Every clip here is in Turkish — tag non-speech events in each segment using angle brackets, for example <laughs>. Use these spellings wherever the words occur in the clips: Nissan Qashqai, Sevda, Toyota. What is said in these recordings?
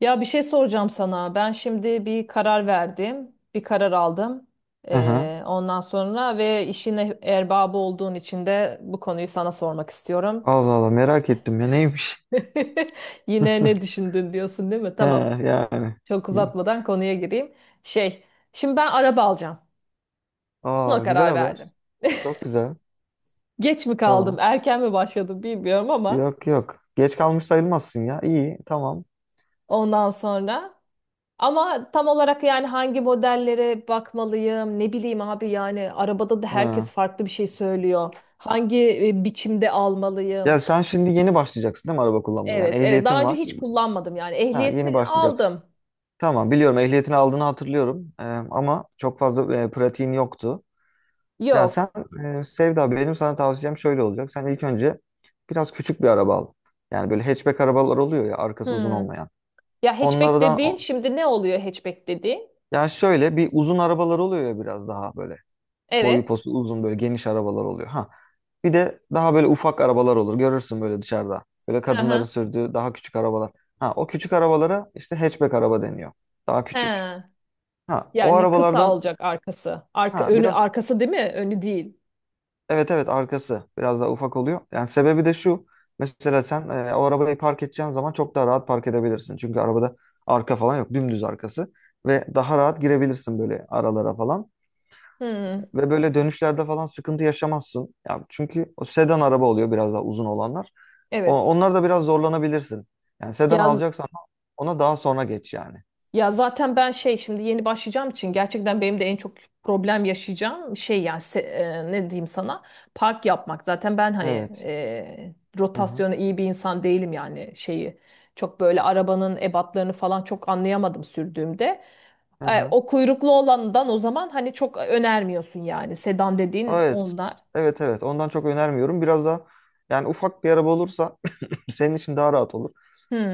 Ya bir şey soracağım sana. Ben şimdi bir karar verdim, bir karar aldım. Aha. Ondan sonra ve işin erbabı olduğun için de bu konuyu sana sormak istiyorum. Allah Allah merak ettim ya neymiş? <laughs> Yine ne <laughs> düşündün diyorsun değil mi? He, Tamam. yani. Çok İyi. uzatmadan konuya gireyim. Şey, şimdi ben araba alacağım. Buna Aa güzel karar verdim. haber. Çok güzel. Geç mi kaldım, Tamam. erken mi başladım bilmiyorum ama Yok yok. Geç kalmış sayılmazsın ya. İyi tamam. ondan sonra. Ama tam olarak yani hangi modellere bakmalıyım ne bileyim abi yani arabada da herkes Ha. farklı bir şey söylüyor. Hangi biçimde Ya almalıyım? sen şimdi yeni başlayacaksın değil mi araba kullanmaya? Yani Evet evet, daha ehliyetin önce var. hiç kullanmadım yani Ha, yeni ehliyeti başlayacaksın. aldım. Tamam biliyorum ehliyetini aldığını hatırlıyorum. Ama çok fazla pratiğin yoktu. Ya Yok. sen Sevda, benim sana tavsiyem şöyle olacak. Sen ilk önce biraz küçük bir araba al. Yani böyle hatchback arabalar oluyor ya, arkası uzun Hmm. olmayan. Ya hatchback Onlardan dediğin şimdi ne oluyor hatchback dediğin? yani, şöyle bir uzun arabalar oluyor ya, biraz daha böyle boyu Evet. posu uzun, böyle geniş arabalar oluyor. Ha. Bir de daha böyle ufak arabalar olur. Görürsün böyle dışarıda. Böyle Hı kadınların hı. sürdüğü daha küçük arabalar. Ha, o küçük arabalara işte hatchback araba deniyor. Daha küçük. He. Ha, o Yani kısa arabalardan, olacak arkası. Arka ha önü biraz, arkası değil mi? Önü değil. evet evet, arkası biraz daha ufak oluyor. Yani sebebi de şu. Mesela sen o arabayı park edeceğin zaman çok daha rahat park edebilirsin. Çünkü arabada arka falan yok. Dümdüz arkası ve daha rahat girebilirsin böyle aralara falan. Hmm. Ve böyle dönüşlerde falan sıkıntı yaşamazsın. Ya çünkü o sedan araba oluyor, biraz daha uzun olanlar. O, Evet. onlar da biraz zorlanabilirsin. Yani sedan Ya alacaksan ona daha sonra geç yani. Ya zaten ben şey şimdi yeni başlayacağım için gerçekten benim de en çok problem yaşayacağım şey yani ne diyeyim sana park yapmak. Zaten ben hani Evet. Hı hı. rotasyonu iyi bir insan değilim yani şeyi çok böyle arabanın ebatlarını falan çok anlayamadım sürdüğümde. Hı hı. O kuyruklu olandan o zaman hani çok önermiyorsun yani sedan dediğin Evet. onlar. Evet evet. Ondan çok önermiyorum. Biraz daha, yani ufak bir araba olursa <clears throat> senin için daha rahat olur.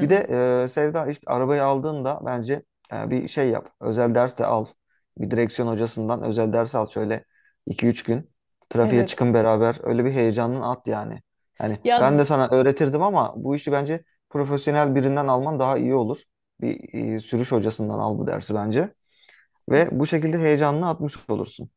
Bir de Sevda, ilk arabayı aldığında bence bir şey yap. Özel ders de al. Bir direksiyon hocasından özel ders al, şöyle iki üç gün. Trafiğe evet. çıkın beraber. Öyle bir heyecanını at yani. Yani ben Ya de sana öğretirdim ama bu işi bence profesyonel birinden alman daha iyi olur. Bir sürüş hocasından al bu dersi bence. Ve bu şekilde heyecanını atmış olursun.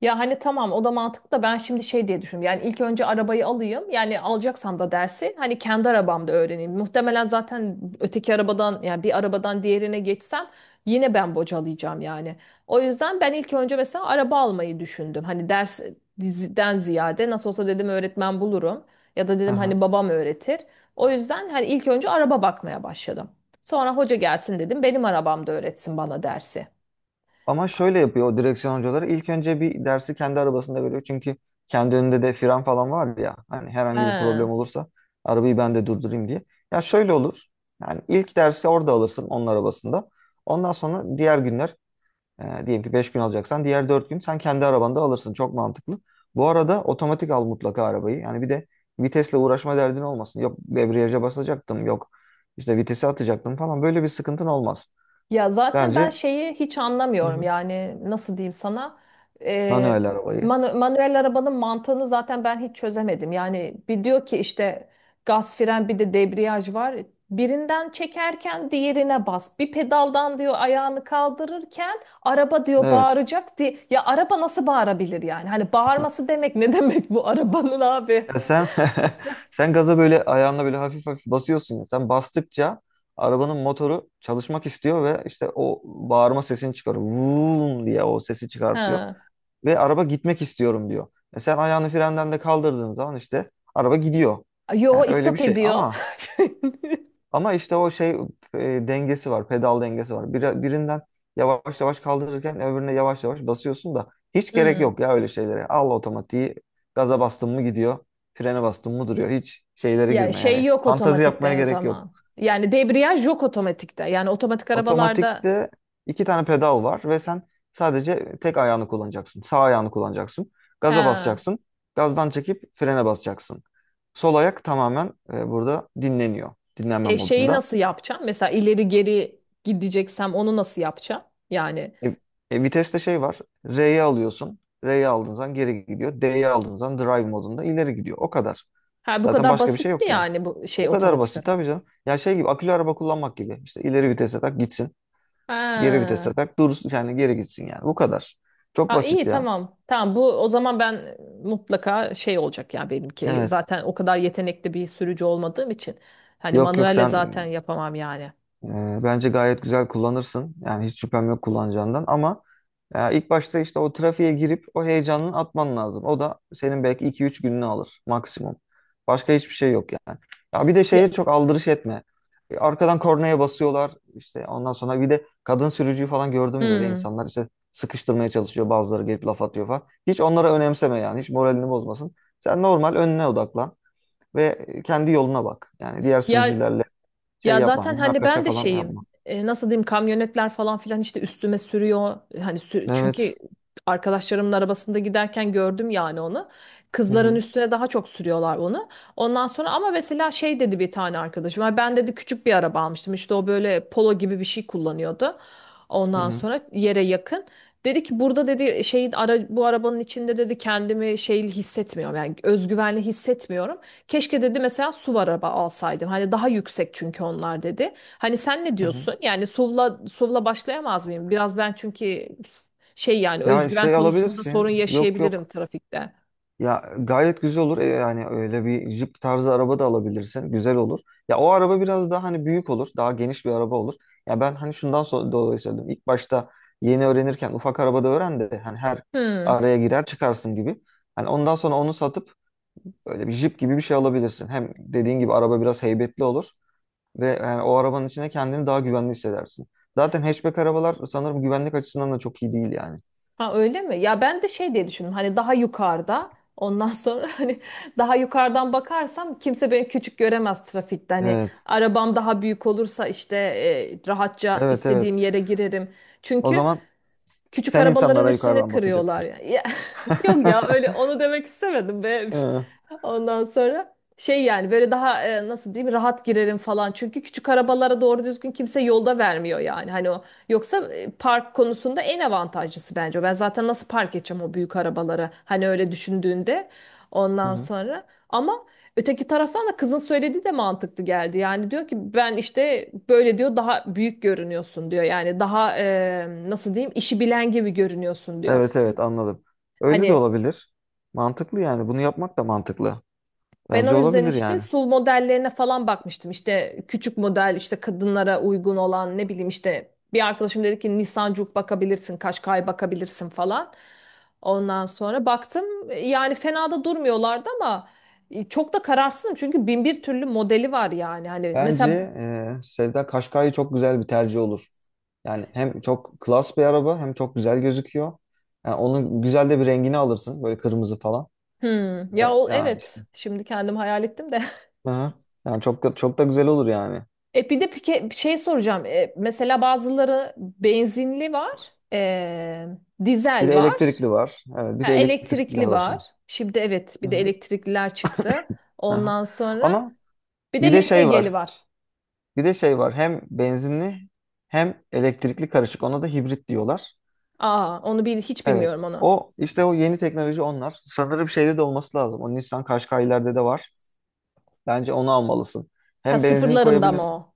Ya hani tamam o da mantıklı da ben şimdi şey diye düşündüm. Yani ilk önce arabayı alayım. Yani alacaksam da dersi hani kendi arabamda öğreneyim. Muhtemelen zaten öteki arabadan yani bir arabadan diğerine geçsem yine ben bocalayacağım yani. O yüzden ben ilk önce mesela araba almayı düşündüm. Hani ders diziden ziyade nasıl olsa dedim öğretmen bulurum. Ya da dedim hani <laughs> babam öğretir. O yüzden hani ilk önce araba bakmaya başladım. Sonra hoca gelsin dedim benim arabamda öğretsin bana dersi. Ama şöyle yapıyor o direksiyon hocaları. İlk önce bir dersi kendi arabasında veriyor. Çünkü kendi önünde de fren falan var ya. Hani herhangi bir He. problem olursa arabayı ben de durdurayım diye. Ya şöyle olur. Yani ilk dersi orada alırsın, onun arabasında. Ondan sonra diğer günler, diyelim ki 5 gün alacaksan, diğer 4 gün sen kendi arabanda alırsın. Çok mantıklı. Bu arada otomatik al mutlaka arabayı. Yani bir de vitesle uğraşma derdin olmasın. Yok debriyaja basacaktım, yok işte vitesi atacaktım falan. Böyle bir sıkıntın olmaz. Ya zaten ben Bence, şeyi hiç hı anlamıyorum hı, yani nasıl diyeyim sana. Ee, manuel arabayı. Manuel arabanın mantığını zaten ben hiç çözemedim. Yani bir diyor ki işte gaz fren bir de debriyaj var, birinden çekerken diğerine bas bir pedaldan diyor ayağını kaldırırken araba diyor Evet. bağıracak diye, ya araba nasıl bağırabilir yani hani <laughs> bağırması demek ne <laughs> demek bu arabanın abi? Ya sen <laughs> sen gaza böyle ayağınla böyle hafif hafif basıyorsun ya. Sen bastıkça arabanın motoru çalışmak istiyor ve işte o bağırma sesini çıkarıyor. Vuuu diye o sesi çıkartıyor. Ha. Ve araba gitmek istiyorum diyor. E, sen ayağını frenden de kaldırdığın zaman işte araba gidiyor. Yani Yo, öyle bir istop şey ediyor. ama. İşte o şey, dengesi var, pedal dengesi var. Birinden yavaş yavaş kaldırırken öbürüne yavaş yavaş basıyorsun da <laughs> hiç gerek Hmm. yok ya öyle şeylere. Al otomatiği, gaza bastın mı gidiyor, frene bastın mı duruyor. Hiç şeylere Ya girme şey yani. yok Fantazi yapmaya otomatikte o gerek yok. zaman. Yani debriyaj yok otomatikte. Yani otomatik arabalarda Otomatikte iki tane pedal var ve sen sadece tek ayağını kullanacaksın. Sağ ayağını kullanacaksın. Gaza ha, basacaksın. Gazdan çekip frene basacaksın. Sol ayak tamamen burada dinleniyor. Dinlenme şeyi modunda. nasıl yapacağım? Mesela ileri geri gideceksem onu nasıl yapacağım? Yani E, Viteste şey var. R'ye alıyorsun. R'ye aldığın zaman geri gidiyor. D'ye aldığın zaman drive modunda ileri gidiyor. O kadar. ha bu Zaten kadar başka bir şey basit mi yok yani. yani bu Bu şey kadar otomatik basit araba? tabii canım. Ya şey gibi, akülü araba kullanmak gibi. İşte ileri vitese tak gitsin. Geri Ha. vitese tak dursun, yani geri gitsin yani. Bu kadar. Çok Ha, basit iyi ya. tamam. Tamam bu o zaman ben mutlaka şey olacak ya benimki. Evet. Zaten o kadar yetenekli bir sürücü olmadığım için. Hani Yok yok manuelle sen. zaten yapamam yani. Bence gayet güzel kullanırsın. Yani hiç şüphem yok kullanacağından ama ilk başta işte o trafiğe girip o heyecanını atman lazım. O da senin belki iki üç gününü alır maksimum. Başka hiçbir şey yok yani. Ya bir de Ya, şeye çok aldırış etme. Arkadan kornaya basıyorlar işte, ondan sonra bir de kadın sürücüyü falan gördüm, böyle hmm. insanlar işte sıkıştırmaya çalışıyor, bazıları gelip laf atıyor falan. Hiç onlara önemseme yani, hiç moralini bozmasın. Sen normal önüne odaklan ve kendi yoluna bak. Yani diğer Ya sürücülerle şey Ya yapma, zaten hani münakaşa ben de falan şeyim, yapma. Nasıl diyeyim, kamyonetler falan filan işte üstüme sürüyor hani çünkü Evet. arkadaşlarımın arabasında giderken gördüm yani onu, Hı kızların hı. üstüne daha çok sürüyorlar onu. Ondan sonra ama mesela şey dedi bir tane arkadaşım, "Ay, ben dedi küçük bir araba almıştım işte o böyle polo gibi bir şey kullanıyordu, Hı ondan hı. sonra yere yakın dedi ki burada dedi şeyin bu arabanın içinde dedi kendimi şey hissetmiyorum yani özgüvenli hissetmiyorum. Keşke dedi mesela SUV araba alsaydım. Hani daha yüksek çünkü onlar dedi. Hani sen ne Hı hı. diyorsun? Yani SUV'la başlayamaz mıyım? Biraz ben çünkü şey yani Ya özgüven şey konusunda alabilirsin. sorun Yok yaşayabilirim yok. trafikte. Ya gayet güzel olur. Yani öyle bir jip tarzı araba da alabilirsin. Güzel olur. Ya o araba biraz daha hani büyük olur. Daha geniş bir araba olur. Ya ben hani şundan dolayı söyledim. İlk başta yeni öğrenirken ufak arabada öğren de hani her Hmm. araya girer çıkarsın gibi. Hani ondan sonra onu satıp böyle bir jip gibi bir şey alabilirsin. Hem dediğin gibi araba biraz heybetli olur. Ve yani o arabanın içine kendini daha güvenli hissedersin. Zaten hatchback arabalar sanırım güvenlik açısından da çok iyi değil yani. Ha öyle mi? Ya ben de şey diye düşündüm. Hani daha yukarıda ondan sonra <laughs> hani daha yukarıdan bakarsam kimse beni küçük göremez trafikte. Hani Evet. arabam daha büyük olursa işte rahatça Evet evet. istediğim yere girerim. O Çünkü zaman küçük sen arabaların insanlara üstüne yukarıdan kırıyorlar bakacaksın. yani. Ya, <laughs> yok ya öyle <laughs> onu demek istemedim be. Üf. Hı Ondan sonra şey yani böyle daha nasıl diyeyim rahat girerim falan. Çünkü küçük arabalara doğru düzgün kimse yolda vermiyor yani. Hani o yoksa park konusunda en avantajlısı bence o. Ben zaten nasıl park edeceğim o büyük arabaları hani öyle düşündüğünde ondan hı. sonra. Ama öteki taraftan da kızın söylediği de mantıklı geldi. Yani diyor ki ben işte böyle diyor daha büyük görünüyorsun diyor. Yani daha nasıl diyeyim işi bilen gibi görünüyorsun diyor. Evet Çünkü evet, anladım. Öyle de hani olabilir. Mantıklı yani. Bunu yapmak da mantıklı. ben Bence o yüzden olabilir işte yani. sul modellerine falan bakmıştım. İşte küçük model işte kadınlara uygun olan ne bileyim işte bir arkadaşım dedi ki Nisan Juke bakabilirsin, Kaşkay bakabilirsin falan. Ondan sonra baktım yani fena da durmuyorlardı ama çok da kararsızım çünkü bin bir türlü modeli var yani. Hani Bence mesela Sevda, Kaşkay'ı çok güzel bir tercih olur. Yani hem çok klas bir araba, hem çok güzel gözüküyor. Yani onun güzel de bir rengini alırsın, böyle kırmızı falan. hmm, ya Ve o yani işte. evet şimdi kendim hayal ettim de. <laughs> Hı hı. Yani çok da güzel olur yani. E bir de pike, bir şey soracağım. E, mesela bazıları benzinli var, Bir dizel de var, elektrikli var. Evet, bir ha, de elektrikliler elektrikli var şimdi. var. Şimdi evet Hı bir de hı. elektrikliler çıktı. Hı hı. Ondan sonra Ama bir bir de de şey LPG'li var. var. Bir de şey var. Hem benzinli hem elektrikli karışık. Ona da hibrit diyorlar. Aa, onu bil, hiç Evet. bilmiyorum onu. O işte, o yeni teknoloji onlar. Sanırım şeyde de olması lazım. O Nissan Qashqai'lerde de var. Bence onu almalısın. Ha Hem benzin vallahi sıfırlarında mı koyabilirsin. o?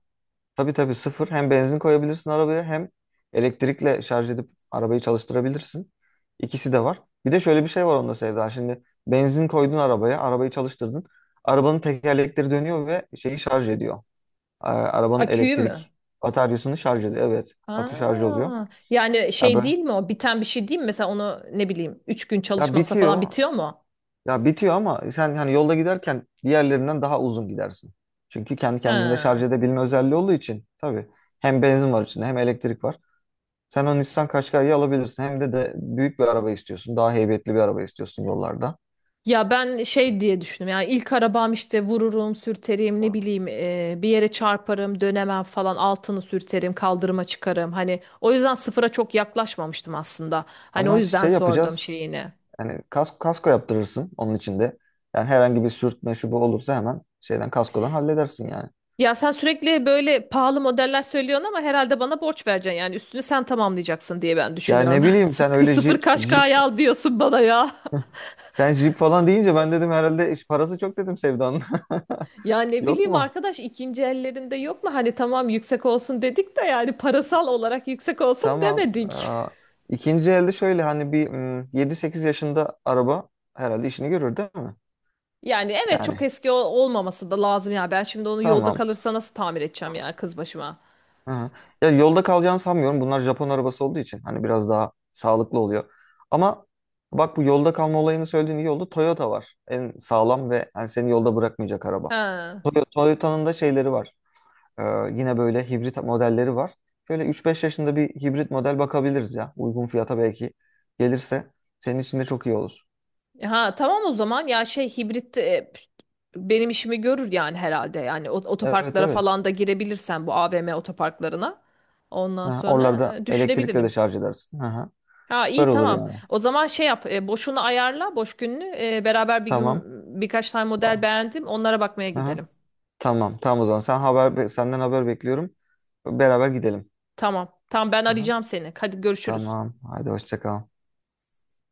Tabii tabii sıfır. Hem benzin koyabilirsin arabaya, hem elektrikle şarj edip arabayı çalıştırabilirsin. İkisi de var. Bir de şöyle bir şey var onda Sevda. Şimdi benzin koydun arabaya, arabayı çalıştırdın. Arabanın tekerlekleri dönüyor ve şeyi şarj ediyor. A- Arabanın Aküyü mü? elektrik bataryasını şarj ediyor. Evet, akü şarj oluyor. Aa, yani Ya şey böyle, değil mi o? Biten bir şey değil mi? Mesela onu ne bileyim 3 gün ya çalışmazsa falan bitiyor. bitiyor mu? Ya bitiyor ama sen hani yolda giderken diğerlerinden daha uzun gidersin. Çünkü kendi kendinde şarj Ha. edebilme özelliği olduğu için tabii, hem benzin var içinde hem elektrik var. Sen o Nissan Qashqai'yi alabilirsin. Hem de büyük bir araba istiyorsun. Daha heybetli bir araba istiyorsun yollarda. Ya ben şey diye düşündüm. Yani ilk arabam işte vururum, sürterim, ne bileyim bir yere çarparım, dönemem falan, altını sürterim, kaldırıma çıkarım. Hani o yüzden sıfıra çok yaklaşmamıştım aslında. Hani o Ama yüzden şey sordum yapacağız. şeyini. Yani kasko yaptırırsın onun içinde. Yani herhangi bir sürtme şu bu olursa hemen şeyden, kaskodan halledersin yani. Ya sen sürekli böyle pahalı modeller söylüyorsun ama herhalde bana borç vereceksin. Yani üstünü sen tamamlayacaksın diye ben Ya düşünüyorum. ne <laughs> bileyim, sen Sıkı öyle sıfır jip kaşkaya al diyorsun bana ya. <laughs> sen jip falan deyince ben dedim herhalde iş parası çok, dedim, Sevda'nın. Ya ne <laughs> Yok bileyim mu? arkadaş ikinci ellerinde yok mu? Hani tamam yüksek olsun dedik de yani parasal olarak yüksek olsun Tamam. demedik. Aa, ikinci elde şöyle hani bir 7-8 yaşında araba herhalde işini görür değil mi? Yani evet çok Yani eski olmaması da lazım ya. Ben şimdi onu yolda tamam. kalırsa nasıl tamir edeceğim ya kız başıma. Aha. Ya yolda kalacağını sanmıyorum. Bunlar Japon arabası olduğu için hani biraz daha sağlıklı oluyor. Ama bak, bu yolda kalma olayını söylediğin iyi oldu. Toyota var. En sağlam ve hani seni yolda bırakmayacak araba. Ha. Toyota'nın da şeyleri var. Ee, Yine böyle hibrit modelleri var. Şöyle üç beş yaşında bir hibrit model bakabiliriz ya. Uygun fiyata belki gelirse senin için de çok iyi olur. Ha tamam o zaman ya şey hibrit benim işimi görür yani herhalde. Yani Evet otoparklara evet. falan da girebilirsen bu AVM otoparklarına. Ondan Ha, sonra oralarda elektrikle de düşünebilirim. şarj edersin. Aha. Ha Süper iyi olur tamam. yani. O zaman şey yap boşunu ayarla boş gününü. E, beraber bir gün Tamam. birkaç tane model Ba- beğendim. Onlara bakmaya Aha. gidelim. Tamam. Tamam o zaman. Senden haber bekliyorum. Beraber gidelim. Tamam. Tamam ben Aha. arayacağım seni. Hadi görüşürüz. Tamam. Haydi hoşça kal.